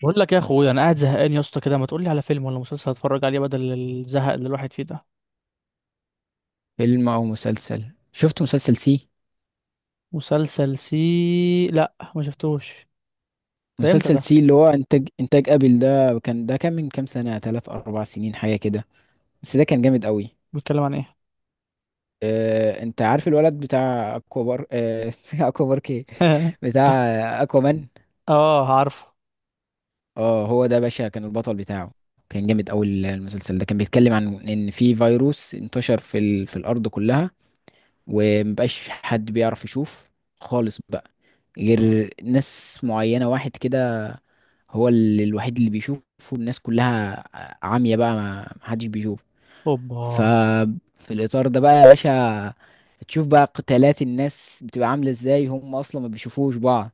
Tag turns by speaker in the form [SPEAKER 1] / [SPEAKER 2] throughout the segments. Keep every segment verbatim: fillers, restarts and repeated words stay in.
[SPEAKER 1] بقول لك يا اخويا، انا قاعد زهقان يا اسطى كده. ما تقول لي على فيلم ولا مسلسل اتفرج عليه بدل الزهق اللي الواحد فيه ده؟
[SPEAKER 2] فيلم او مسلسل. شفت مسلسل سي؟
[SPEAKER 1] مسلسل سي؟ لا، ما شفتوش. ده امتى
[SPEAKER 2] مسلسل
[SPEAKER 1] ده؟
[SPEAKER 2] سي اللي هو انتاج انتاج ابل. ده كان ده كان من كام سنة، ثلاث اربع سنين حاجة كده. بس ده كان جامد قوي.
[SPEAKER 1] بيتكلم عن ايه؟
[SPEAKER 2] آه، انت عارف الولد بتاع اكوا بار؟ آه، اكوا بارك ايه، بتاع اكوا مان.
[SPEAKER 1] اه، عارفه.
[SPEAKER 2] اه هو ده باشا كان البطل بتاعه. كان جامد قوي. المسلسل ده كان بيتكلم عن ان في فيروس انتشر في ال... في الارض كلها، ومبقاش حد بيعرف يشوف خالص بقى، غير ناس معينة. واحد كده هو ال- الوحيد اللي بيشوفه، الناس كلها عامية بقى، ما محدش بيشوف.
[SPEAKER 1] اوبا.
[SPEAKER 2] ففي الإطار ده بقى يا باشا، تشوف بقى قتالات الناس بتبقى عاملة ازاي، هم أصلا ما بيشوفوش بعض.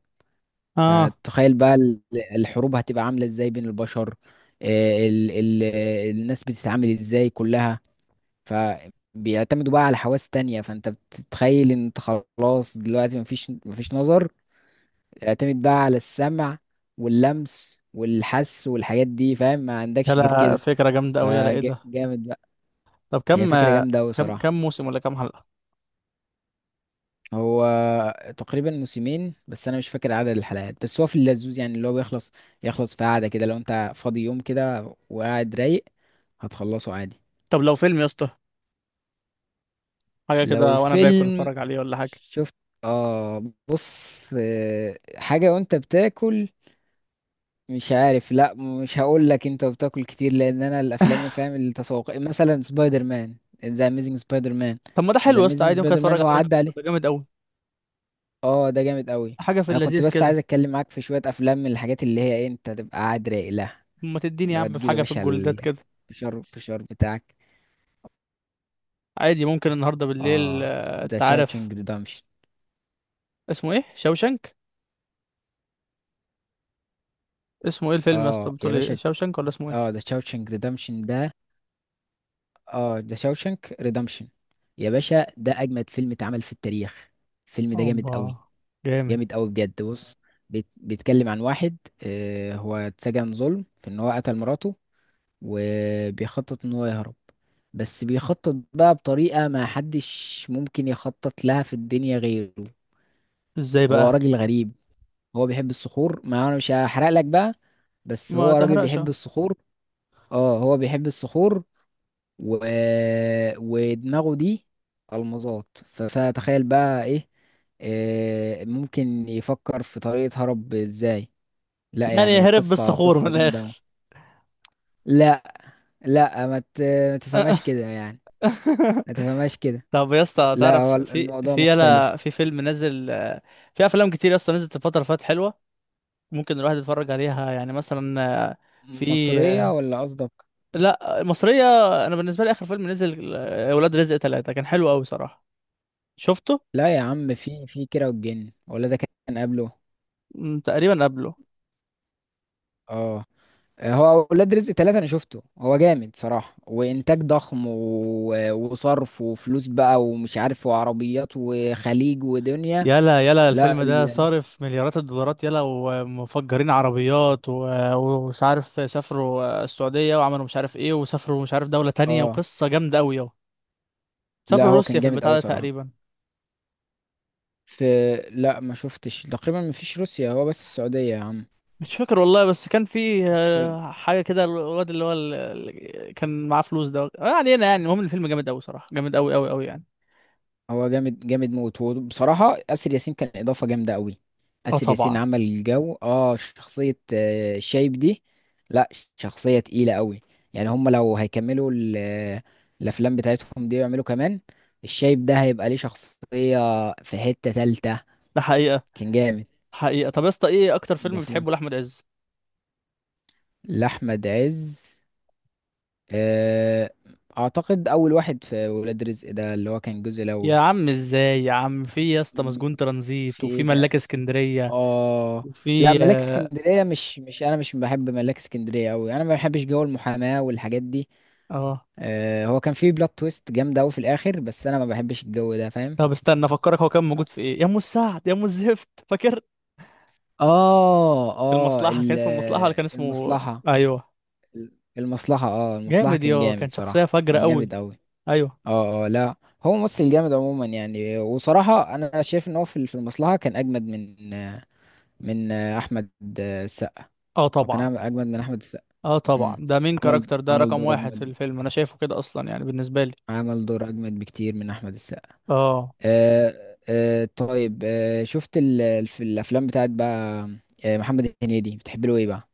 [SPEAKER 1] اه،
[SPEAKER 2] فتخيل بقى ال- الحروب هتبقى عاملة ازاي بين البشر، آه، ال ال الناس بتتعامل ازاي كلها. فبيعتمدوا بقى على حواس تانية. فانت بتتخيل ان انت خلاص دلوقتي مفيش مفيش نظر، تعتمد بقى على السمع واللمس والحس والحاجات دي، فاهم؟ ما عندكش غير
[SPEAKER 1] يلا
[SPEAKER 2] كده.
[SPEAKER 1] فكره جامده قوي، يلا ايه ده؟
[SPEAKER 2] فجامد بقى.
[SPEAKER 1] طب
[SPEAKER 2] هي
[SPEAKER 1] كم
[SPEAKER 2] فكرة جامدة أوي
[SPEAKER 1] كم
[SPEAKER 2] صراحة.
[SPEAKER 1] كم موسم ولا كم حلقه؟
[SPEAKER 2] هو تقريبا موسمين، بس أنا مش فاكر عدد الحلقات. بس هو في اللذوذ يعني، اللي هو بيخلص يخلص في قعدة كده. لو أنت فاضي يوم كده وقاعد رايق هتخلصه عادي.
[SPEAKER 1] طب لو فيلم يا اسطى، حاجه
[SPEAKER 2] لو
[SPEAKER 1] كده وانا باكل
[SPEAKER 2] فيلم
[SPEAKER 1] اتفرج عليه ولا حاجه.
[SPEAKER 2] شفت، آه بص، آه، حاجة وأنت بتاكل؟ مش عارف، لا، مش هقول لك انت بتاكل كتير، لان انا الافلام فاهم التسوق، مثلا سبايدر مان، ذا اميزنج سبايدر مان.
[SPEAKER 1] طب ما ده
[SPEAKER 2] ذا
[SPEAKER 1] حلو يا اسطى،
[SPEAKER 2] اميزنج
[SPEAKER 1] عادي ممكن
[SPEAKER 2] سبايدر مان
[SPEAKER 1] اتفرج
[SPEAKER 2] هو
[SPEAKER 1] عليه وانا
[SPEAKER 2] عدى
[SPEAKER 1] باكل،
[SPEAKER 2] عليه.
[SPEAKER 1] ده جامد قوي.
[SPEAKER 2] اه ده جامد قوي.
[SPEAKER 1] حاجه في
[SPEAKER 2] انا كنت
[SPEAKER 1] اللذيذ
[SPEAKER 2] بس عايز
[SPEAKER 1] كده.
[SPEAKER 2] اتكلم معاك في شويه افلام من الحاجات اللي هي إيه، انت تبقى قاعد رايق لها.
[SPEAKER 1] ما تديني يا
[SPEAKER 2] اللي هو
[SPEAKER 1] عم في
[SPEAKER 2] تجيب يا
[SPEAKER 1] حاجه في
[SPEAKER 2] باشا
[SPEAKER 1] الجولدات كده.
[SPEAKER 2] الفشار الفشار بتاعك.
[SPEAKER 1] عادي ممكن النهارده بالليل،
[SPEAKER 2] اه
[SPEAKER 1] آه،
[SPEAKER 2] ذا
[SPEAKER 1] انت عارف.
[SPEAKER 2] تشاوشنج ريدمشن.
[SPEAKER 1] اسمه ايه؟ شوشنك؟ اسمه ايه الفيلم يا اسطى،
[SPEAKER 2] اه يا
[SPEAKER 1] بتقول ايه
[SPEAKER 2] باشا،
[SPEAKER 1] شوشنك ولا اسمه
[SPEAKER 2] اه
[SPEAKER 1] ايه؟
[SPEAKER 2] ذا تشاوشنج ريدمشن ده. اه ذا تشاوشنج ريدمشن يا باشا، ده اجمد فيلم اتعمل في التاريخ. الفيلم ده جامد
[SPEAKER 1] اوبا.
[SPEAKER 2] قوي،
[SPEAKER 1] جامد.
[SPEAKER 2] جامد قوي بجد. بص، بيت- بيتكلم عن واحد آه، هو اتسجن ظلم في ان هو قتل مراته، وبيخطط ان هو يهرب. بس بيخطط بقى بطريقة ما حدش ممكن يخطط لها في الدنيا غيره.
[SPEAKER 1] ازاي
[SPEAKER 2] هو
[SPEAKER 1] بقى؟
[SPEAKER 2] راجل غريب، هو بيحب الصخور. ما انا مش هحرق لك بقى، بس
[SPEAKER 1] ما
[SPEAKER 2] هو راجل
[SPEAKER 1] تحرقش
[SPEAKER 2] بيحب
[SPEAKER 1] أهو.
[SPEAKER 2] الصخور. اه هو بيحب الصخور و... ودماغه دي المظات، ف- فتخيل بقى ايه، آه، ممكن يفكر في طريقة هرب ازاي. لا
[SPEAKER 1] يعني
[SPEAKER 2] يعني
[SPEAKER 1] هرب
[SPEAKER 2] قصة
[SPEAKER 1] بالصخور من
[SPEAKER 2] قصة جامدة أوي.
[SPEAKER 1] الاخر؟
[SPEAKER 2] لا، لا، ما ت- ما تفهمهاش كده يعني، ما تفهمهاش كده.
[SPEAKER 1] طب يا اسطى
[SPEAKER 2] لا هو
[SPEAKER 1] تعرف
[SPEAKER 2] ال-
[SPEAKER 1] في
[SPEAKER 2] الموضوع
[SPEAKER 1] في يلا،
[SPEAKER 2] مختلف.
[SPEAKER 1] في فيلم نزل آه، في افلام كتير يا اسطى نزلت الفتره اللي فاتت حلوه، ممكن الواحد يتفرج عليها يعني مثلا، آه، في،
[SPEAKER 2] مصرية
[SPEAKER 1] آه،
[SPEAKER 2] ولا قصدك؟
[SPEAKER 1] لا مصريه. انا بالنسبه لي اخر فيلم نزل، آه، ولاد رزق ثلاثة، كان حلو قوي صراحه. شفته؟
[SPEAKER 2] لا يا عم، في في كيرة والجن ولا ده؟ كان قبله.
[SPEAKER 1] مم، تقريبا قبله.
[SPEAKER 2] اه هو ولاد رزق ثلاثة أنا شفته، هو جامد صراحة، وإنتاج ضخم و... وصرف وفلوس بقى ومش عارف، وعربيات وخليج ودنيا.
[SPEAKER 1] يلا يلا،
[SPEAKER 2] لا
[SPEAKER 1] الفيلم ده
[SPEAKER 2] ال...
[SPEAKER 1] صارف مليارات الدولارات، يلا، ومفجرين عربيات و- ومش عارف سافروا السعودية وعملوا مش عارف ايه، وسافروا مش عارف دولة تانية،
[SPEAKER 2] اه
[SPEAKER 1] وقصة جامدة أوي يلا.
[SPEAKER 2] لا،
[SPEAKER 1] سافروا
[SPEAKER 2] هو كان
[SPEAKER 1] روسيا في
[SPEAKER 2] جامد
[SPEAKER 1] البتاع
[SPEAKER 2] أوي
[SPEAKER 1] ده
[SPEAKER 2] صراحة.
[SPEAKER 1] تقريبا.
[SPEAKER 2] في لا ما شفتش، تقريبا ما فيش روسيا، هو بس السعودية يا عم.
[SPEAKER 1] مش فاكر والله، بس كان في
[SPEAKER 2] بس
[SPEAKER 1] آه، حاجة كده، الواد اللي هو ال- ال- كان معاه فلوس ده، ما علينا يعني. المهم الفيلم جامد أوي صراحة، جامد أوي أوي أوي يعني.
[SPEAKER 2] هو جامد جامد موت، وبصراحة آسر ياسين كان إضافة جامدة قوي.
[SPEAKER 1] اه
[SPEAKER 2] آسر ياسين
[SPEAKER 1] طبعا.
[SPEAKER 2] عمل الجو، اه شخصية آه، شايب دي. لا شخصية تقيلة قوي. يعني هم لو هيكملوا ال- آه، الأفلام بتاعتهم دي ويعملوا كمان، الشايب ده هيبقى ليه شخصية في حتة تالتة.
[SPEAKER 1] ده حقيقة.
[SPEAKER 2] كان جامد.
[SPEAKER 1] حقيقة. طب يا اسطى، ايه أكتر فيلم
[SPEAKER 2] ضاف لهم.
[SPEAKER 1] بتحبه لأحمد عز؟
[SPEAKER 2] لأحمد عز، آه، أعتقد أول واحد في ولاد رزق ده، اللي هو كان الجزء الأول.
[SPEAKER 1] يا عم ازاي يا عم، في يا اسطى
[SPEAKER 2] م-
[SPEAKER 1] مسجون ترانزيت،
[SPEAKER 2] في
[SPEAKER 1] وفي
[SPEAKER 2] إيه؟
[SPEAKER 1] ملاك اسكندرية،
[SPEAKER 2] اه لا،
[SPEAKER 1] وفي
[SPEAKER 2] ملاك
[SPEAKER 1] اه،
[SPEAKER 2] اسكندريه مش، مش انا مش بحب ملاك اسكندريه قوي، انا ما بحبش جو المحاماه والحاجات دي.
[SPEAKER 1] آه.
[SPEAKER 2] آه هو كان فيه بلوت تويست جامده قوي في الاخر، بس انا ما بحبش الجو ده، فاهم؟
[SPEAKER 1] طب استنى افكرك، هو كان موجود في ايه؟ يا ام السعد؟ يا ام الزفت؟ فاكر؟
[SPEAKER 2] اه اه
[SPEAKER 1] المصلحه، كان
[SPEAKER 2] ال-
[SPEAKER 1] اسمه المصلحه ولا كان اسمه؟
[SPEAKER 2] المصلحه.
[SPEAKER 1] ايوه.
[SPEAKER 2] المصلحه، اه المصلحه
[SPEAKER 1] جامد،
[SPEAKER 2] كان
[SPEAKER 1] يا
[SPEAKER 2] جامد
[SPEAKER 1] كان شخصيه
[SPEAKER 2] صراحه،
[SPEAKER 1] فجره
[SPEAKER 2] كان
[SPEAKER 1] قوي.
[SPEAKER 2] جامد قوي.
[SPEAKER 1] ايوه.
[SPEAKER 2] اه، اه لا، هو ممثل جامد عموما يعني. وصراحه انا شايف ان هو في في المصلحه كان اجمد من، من احمد السقا.
[SPEAKER 1] اه
[SPEAKER 2] هو
[SPEAKER 1] طبعا.
[SPEAKER 2] كان أعمل- اجمد من احمد السقا.
[SPEAKER 1] اه طبعا،
[SPEAKER 2] مم.
[SPEAKER 1] ده مين
[SPEAKER 2] عمل،
[SPEAKER 1] كاركتر، ده
[SPEAKER 2] عمل
[SPEAKER 1] رقم
[SPEAKER 2] دور
[SPEAKER 1] واحد في
[SPEAKER 2] اجمد،
[SPEAKER 1] الفيلم انا شايفه كده اصلا يعني بالنسبه لي.
[SPEAKER 2] عمل دور اجمد بكتير من احمد السقا.
[SPEAKER 1] اه.
[SPEAKER 2] أه، أه طيب، أه شفت ال... في الافلام بتاعت بقى، آه، محمد هنيدي بتحب له ايه بقى.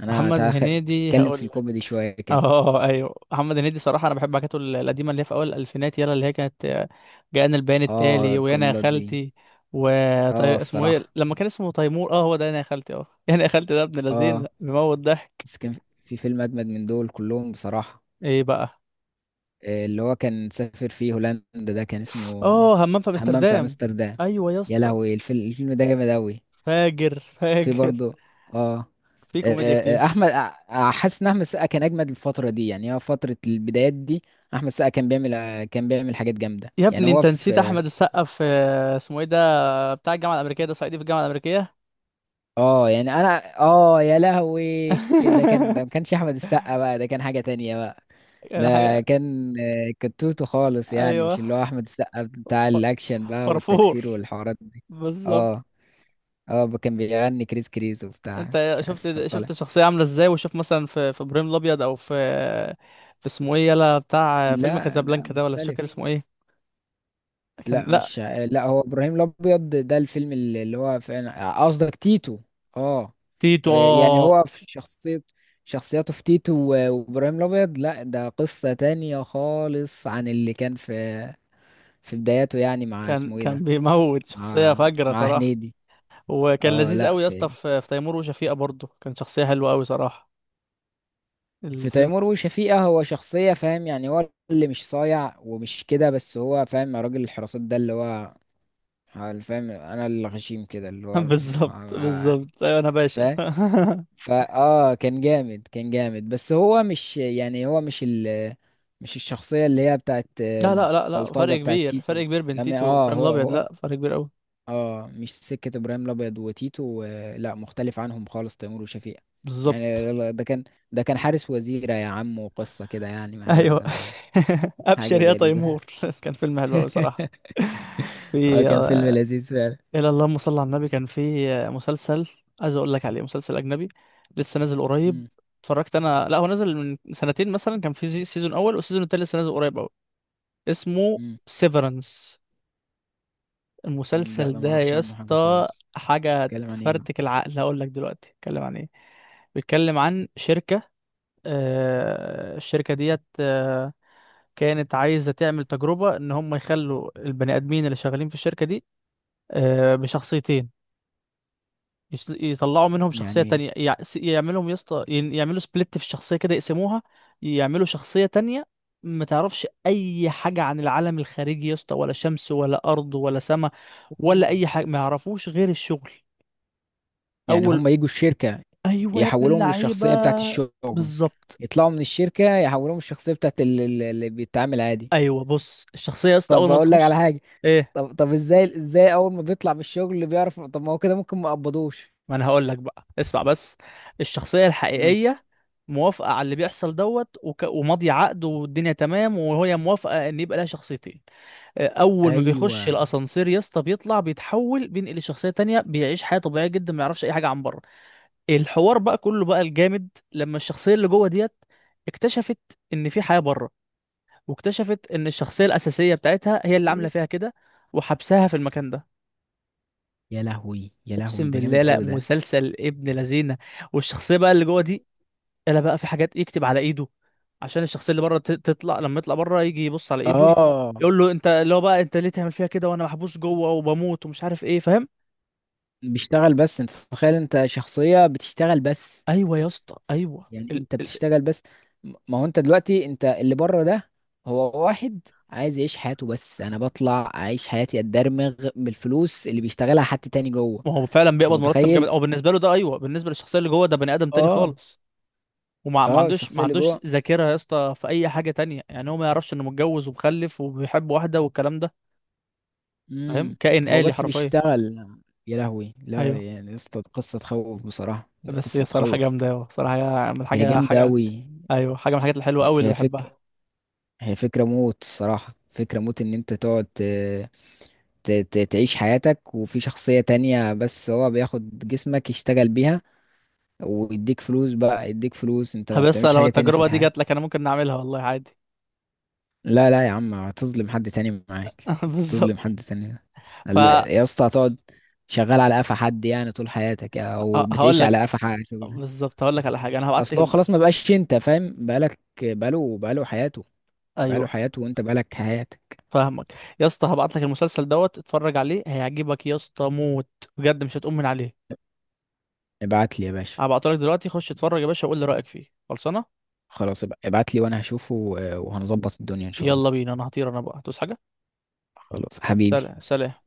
[SPEAKER 2] انا
[SPEAKER 1] محمد
[SPEAKER 2] تعال خ-
[SPEAKER 1] هنيدي
[SPEAKER 2] اتكلم في
[SPEAKER 1] هقول.
[SPEAKER 2] الكوميدي شويه كده.
[SPEAKER 1] اه ايوه، محمد هنيدي صراحه انا بحب حاجاته ال- القديمه، اللي هي في اول الالفينات، يلا، اللي هي كانت آه، جاءنا البيان
[SPEAKER 2] اه
[SPEAKER 1] التالي، ويانا يا
[SPEAKER 2] الجلاد دي.
[SPEAKER 1] خالتي. و
[SPEAKER 2] اه
[SPEAKER 1] طي... اسمه ايه
[SPEAKER 2] الصراحه،
[SPEAKER 1] لما كان اسمه تيمور، اه هو ده، انا يا خالتي، اه، انا يا خالتي، ده ابن لذين
[SPEAKER 2] اه
[SPEAKER 1] بيموت ضحك.
[SPEAKER 2] بس كان في فيلم اجمد من دول كلهم بصراحه،
[SPEAKER 1] ايه بقى؟
[SPEAKER 2] آه، اللي هو كان سافر فيه هولندا، ده كان اسمه
[SPEAKER 1] اه، همام في
[SPEAKER 2] همام في
[SPEAKER 1] امستردام.
[SPEAKER 2] امستردام.
[SPEAKER 1] ايوه يا
[SPEAKER 2] يا
[SPEAKER 1] اسطى.
[SPEAKER 2] لهوي، الفيلم الفيلم ده جامد اوي.
[SPEAKER 1] فاجر
[SPEAKER 2] في
[SPEAKER 1] فاجر.
[SPEAKER 2] برضه اه،
[SPEAKER 1] في
[SPEAKER 2] آه،
[SPEAKER 1] كوميديا
[SPEAKER 2] آه، آه،
[SPEAKER 1] كتير.
[SPEAKER 2] احمد آه، آه، حاسس ان احمد السقا كان اجمد الفتره دي، يعني هو فتره البدايات دي. احمد السقا كان بيعمل، آه، كان بيعمل حاجات جامده
[SPEAKER 1] يا
[SPEAKER 2] يعني.
[SPEAKER 1] ابني،
[SPEAKER 2] هو
[SPEAKER 1] انت نسيت
[SPEAKER 2] في
[SPEAKER 1] احمد السقا في آه، اسمه ايه ده، بتاع الجامعه الامريكيه ده، صعيدي في الجامعه الامريكيه.
[SPEAKER 2] اه، آه، يعني انا اه، يا لهوي، ده كان، ده ما كانش احمد السقا بقى، ده كان حاجه تانية بقى. ده
[SPEAKER 1] يعني حاجه.
[SPEAKER 2] كان آه، كتوته خالص يعني، مش
[SPEAKER 1] ايوه،
[SPEAKER 2] اللي هو احمد السقا بتاع
[SPEAKER 1] ف-
[SPEAKER 2] الاكشن بقى
[SPEAKER 1] فرفور.
[SPEAKER 2] والتكسير والحوارات دي.
[SPEAKER 1] بالظبط.
[SPEAKER 2] اه اه كان بيغني كريس كريس وبتاع
[SPEAKER 1] انت
[SPEAKER 2] مش عارف كان
[SPEAKER 1] شفت
[SPEAKER 2] طالع.
[SPEAKER 1] شفت الشخصيه عامله ازاي، وشوف مثلا في في ابراهيم الابيض، او في، في اسمه ايه، يلا بتاع فيلم
[SPEAKER 2] لا لا
[SPEAKER 1] كازابلانكا ده، ولا مش
[SPEAKER 2] مختلف.
[SPEAKER 1] فاكر اسمه ايه. كان،
[SPEAKER 2] لا
[SPEAKER 1] لا.
[SPEAKER 2] مش، لا هو ابراهيم الابيض ده الفيلم اللي اللي هو فعلا قصدك تيتو. اه، آه،
[SPEAKER 1] تيتو،
[SPEAKER 2] يعني
[SPEAKER 1] اه.
[SPEAKER 2] هو في شخصية، شخصياته في تيتو و- وابراهيم الابيض، لا ده قصة تانية خالص عن اللي كان في في بداياته يعني، مع
[SPEAKER 1] كان
[SPEAKER 2] اسمه ايه ده،
[SPEAKER 1] كان بيموت، شخصيه
[SPEAKER 2] مع،
[SPEAKER 1] فجره
[SPEAKER 2] مع
[SPEAKER 1] صراحه.
[SPEAKER 2] هنيدي.
[SPEAKER 1] وكان
[SPEAKER 2] اه
[SPEAKER 1] لذيذ
[SPEAKER 2] لا،
[SPEAKER 1] قوي يا اسطى
[SPEAKER 2] في
[SPEAKER 1] في في تيمور وشفيقه برضه، كان شخصيه حلوه قوي صراحه.
[SPEAKER 2] في
[SPEAKER 1] الفيلم.
[SPEAKER 2] تيمور وشفيقة هو شخصية فاهم يعني، هو اللي مش صايع ومش كده، بس هو فاهم راجل الحراسات ده اللي هو فاهم، انا اللي غشيم كده اللي هو
[SPEAKER 1] بالظبط بالظبط، ايوه انا باشا.
[SPEAKER 2] فاهم. فا اه، كان جامد، كان جامد، بس هو مش يعني، هو مش ال، مش الشخصية اللي هي بتاعت
[SPEAKER 1] لا لا لا لا،
[SPEAKER 2] البلطجة
[SPEAKER 1] فرق
[SPEAKER 2] بتاعت
[SPEAKER 1] كبير،
[SPEAKER 2] تيتو.
[SPEAKER 1] فرق كبير بين
[SPEAKER 2] يعني
[SPEAKER 1] تيتو
[SPEAKER 2] اه،
[SPEAKER 1] وابراهيم
[SPEAKER 2] هو
[SPEAKER 1] الابيض،
[SPEAKER 2] هو
[SPEAKER 1] لا فرق كبير قوي.
[SPEAKER 2] اه مش سكة ابراهيم الابيض وتيتو، آه لا مختلف عنهم خالص تيمور وشفيقة. يعني
[SPEAKER 1] بالظبط.
[SPEAKER 2] يلا ده كان، ده كان حارس وزيرة يا عم وقصة كده يعني ما يعلم
[SPEAKER 1] ايوه.
[SPEAKER 2] بالله الله.
[SPEAKER 1] ابشر
[SPEAKER 2] حاجة
[SPEAKER 1] يا
[SPEAKER 2] غريبة.
[SPEAKER 1] تيمور. كان فيلم حلو قوي صراحه.
[SPEAKER 2] اه
[SPEAKER 1] في
[SPEAKER 2] كان فيلم
[SPEAKER 1] آه،
[SPEAKER 2] لذيذ فعلا.
[SPEAKER 1] الى اللهم صل على النبي، كان في آه، مسلسل، عايز اقول لك عليه مسلسل اجنبي، لسه نازل قريب.
[SPEAKER 2] مم،
[SPEAKER 1] اتفرجت انا، لا هو نازل من سنتين مثلا، كان في زي- سيزون اول، والسيزون التاني لسه نازل قريب قوي. اسمه
[SPEAKER 2] مم.
[SPEAKER 1] سيفرنس.
[SPEAKER 2] لا ده
[SPEAKER 1] المسلسل ده
[SPEAKER 2] معرفش
[SPEAKER 1] يا
[SPEAKER 2] عنه حاجة
[SPEAKER 1] اسطى
[SPEAKER 2] خالص.
[SPEAKER 1] حاجه
[SPEAKER 2] اتكلم عن ايه بقى؟
[SPEAKER 1] تفرتك العقل. هقول لك دلوقتي اتكلم عن ايه. بيتكلم عن شركه، آه، الشركه ديت آه، كانت عايزة تعمل تجربة إن هم يخلوا البني آدمين اللي شغالين في الشركة دي، آه، بشخصيتين. يش- يطلعوا منهم شخصية
[SPEAKER 2] يعني
[SPEAKER 1] تانية، يع- س- يعملهم يسطا يعملوا سبليت في الشخصية كده، يقسموها، يعملوا شخصية تانية. ما تعرفش أي حاجة عن العالم الخارجي يا اسطى، ولا شمس ولا أرض ولا سماء، ولا
[SPEAKER 2] ايه
[SPEAKER 1] أي حاجة، ما يعرفوش غير الشغل.
[SPEAKER 2] يعني،
[SPEAKER 1] أول.
[SPEAKER 2] هم يجوا الشركة
[SPEAKER 1] أيوه يا ابن
[SPEAKER 2] يحولوهم
[SPEAKER 1] اللعيبة.
[SPEAKER 2] للشخصية بتاعت الشغل،
[SPEAKER 1] بالظبط.
[SPEAKER 2] يطلعوا من الشركة يحولوهم الشخصية بتاعت ال- ال- اللي بيتعامل عادي.
[SPEAKER 1] أيوه، بص، الشخصية يا اسطى
[SPEAKER 2] طب
[SPEAKER 1] أول ما
[SPEAKER 2] اقول لك على
[SPEAKER 1] تخش.
[SPEAKER 2] حاجة،
[SPEAKER 1] إيه.
[SPEAKER 2] طب طب ازاي، ازاي اول ما بيطلع من الشغل اللي بيعرف؟ طب ما هو كده ممكن ما يقبضوش.
[SPEAKER 1] ما انا هقول لك بقى، اسمع بس. الشخصية
[SPEAKER 2] آه.
[SPEAKER 1] الحقيقية موافقة على اللي بيحصل، دوت وك... وماضية عقد، والدنيا تمام، وهي موافقة ان يبقى لها شخصيتين. آه، اول ما بيخش
[SPEAKER 2] ايوه.
[SPEAKER 1] الاسانسير يا اسطى بيطلع، بيتحول، بينقل لشخصية تانية، بيعيش حياة طبيعية جدا، ما يعرفش اي حاجة عن بره. الحوار بقى كله بقى الجامد، لما الشخصية اللي جوه ديت اكتشفت ان في حياة بره، واكتشفت ان الشخصية الاساسية بتاعتها هي اللي عاملة فيها كده، وحبسها في المكان ده.
[SPEAKER 2] يا لهوي، يا لهوي
[SPEAKER 1] اقسم
[SPEAKER 2] ده
[SPEAKER 1] بالله،
[SPEAKER 2] جامد
[SPEAKER 1] لا
[SPEAKER 2] قوي ده.
[SPEAKER 1] مسلسل ابن لذينه. والشخصيه بقى اللي جوه دي، الا بقى في حاجات يكتب على ايده عشان الشخصيه اللي بره ت- تطلع، لما يطلع بره يجي يبص على ايده،
[SPEAKER 2] اه
[SPEAKER 1] يقول له انت، اللي هو بقى انت ليه تعمل فيها كده وانا محبوس جوه وبموت ومش عارف ايه؟ فاهم؟
[SPEAKER 2] بيشتغل بس؟ انت تتخيل انت شخصية بتشتغل بس،
[SPEAKER 1] ايوه يا اسطى، ايوه،
[SPEAKER 2] يعني
[SPEAKER 1] ال...
[SPEAKER 2] انت
[SPEAKER 1] ال...
[SPEAKER 2] بتشتغل بس. م- ما هو انت دلوقتي انت اللي بره ده، هو واحد عايز يعيش حياته، بس انا بطلع اعيش حياتي اتدرمغ بالفلوس اللي بيشتغلها حد تاني جوه.
[SPEAKER 1] ما هو فعلا
[SPEAKER 2] انت
[SPEAKER 1] بيقبض مرتب
[SPEAKER 2] متخيل؟
[SPEAKER 1] جامد، او بالنسبه له ده. ايوه، بالنسبه للشخصيه اللي جوه ده، بني ادم تاني
[SPEAKER 2] اه.
[SPEAKER 1] خالص. وما ما
[SPEAKER 2] اه
[SPEAKER 1] عندوش
[SPEAKER 2] الشخصيه
[SPEAKER 1] ما
[SPEAKER 2] اللي
[SPEAKER 1] عندوش
[SPEAKER 2] جوه،
[SPEAKER 1] ذاكره يا اسطى في اي حاجه تانية، يعني هو ما يعرفش انه متجوز ومخلف وبيحب واحده والكلام ده. فاهم؟
[SPEAKER 2] امم،
[SPEAKER 1] كائن
[SPEAKER 2] هو
[SPEAKER 1] آلي
[SPEAKER 2] بس
[SPEAKER 1] حرفيا.
[SPEAKER 2] بيشتغل. يا لهوي لا،
[SPEAKER 1] ايوه،
[SPEAKER 2] يعني يا اسطى قصه تخوف بصراحه، دي
[SPEAKER 1] بس هي
[SPEAKER 2] قصه
[SPEAKER 1] صراحه
[SPEAKER 2] تخوف.
[SPEAKER 1] جامده أوي. صراحه هي من
[SPEAKER 2] هي
[SPEAKER 1] حاجه
[SPEAKER 2] جامده
[SPEAKER 1] حاجه.
[SPEAKER 2] قوي.
[SPEAKER 1] ايوه، حاجه من الحاجات الحلوه قوي اللي
[SPEAKER 2] هي فك
[SPEAKER 1] بحبها.
[SPEAKER 2] هي فكرة موت الصراحة، فكرة موت ان انت تقعد ت- ت- ت- تعيش حياتك وفي شخصية تانية، بس هو بياخد جسمك يشتغل بيها ويديك فلوس بقى، يديك فلوس، انت ما
[SPEAKER 1] طب بس
[SPEAKER 2] بتعملش
[SPEAKER 1] لو
[SPEAKER 2] حاجة تانية في
[SPEAKER 1] التجربة دي
[SPEAKER 2] الحياة.
[SPEAKER 1] جات لك، انا ممكن نعملها والله عادي.
[SPEAKER 2] لا لا يا عم، هتظلم حد تاني معاك، تظلم
[SPEAKER 1] بالظبط.
[SPEAKER 2] حد تاني.
[SPEAKER 1] ف
[SPEAKER 2] لا،
[SPEAKER 1] ه-
[SPEAKER 2] يا اسطى هتقعد شغال على قفا حد يعني طول حياتك، او
[SPEAKER 1] هقول
[SPEAKER 2] بتعيش على
[SPEAKER 1] لك.
[SPEAKER 2] قفا حد شغل.
[SPEAKER 1] بالظبط، هقول لك على حاجة، انا هبعت
[SPEAKER 2] اصل
[SPEAKER 1] لك
[SPEAKER 2] هو
[SPEAKER 1] الم...
[SPEAKER 2] خلاص ما بقاش، انت فاهم، بقالك، بقاله بقاله حياته، بقاله
[SPEAKER 1] ايوه.
[SPEAKER 2] حياته وانت بقالك حياتك.
[SPEAKER 1] فاهمك. يا اسطى، هبعت لك المسلسل دوت، اتفرج عليه هيعجبك يا اسطى موت، بجد مش هتقوم من عليه.
[SPEAKER 2] ابعت لي يا باشا.
[SPEAKER 1] هبعته لك دلوقتي، خش اتفرج يا باشا وقول لي رأيك فيه. خلصانة.
[SPEAKER 2] خلاص ابعت لي وانا هشوفه، آه، وهنظبط الدنيا ان شاء الله.
[SPEAKER 1] يلا بينا، انا هطير، انا بقى هتوس حاجة.
[SPEAKER 2] خلاص حبيبي.
[SPEAKER 1] سلام سلام.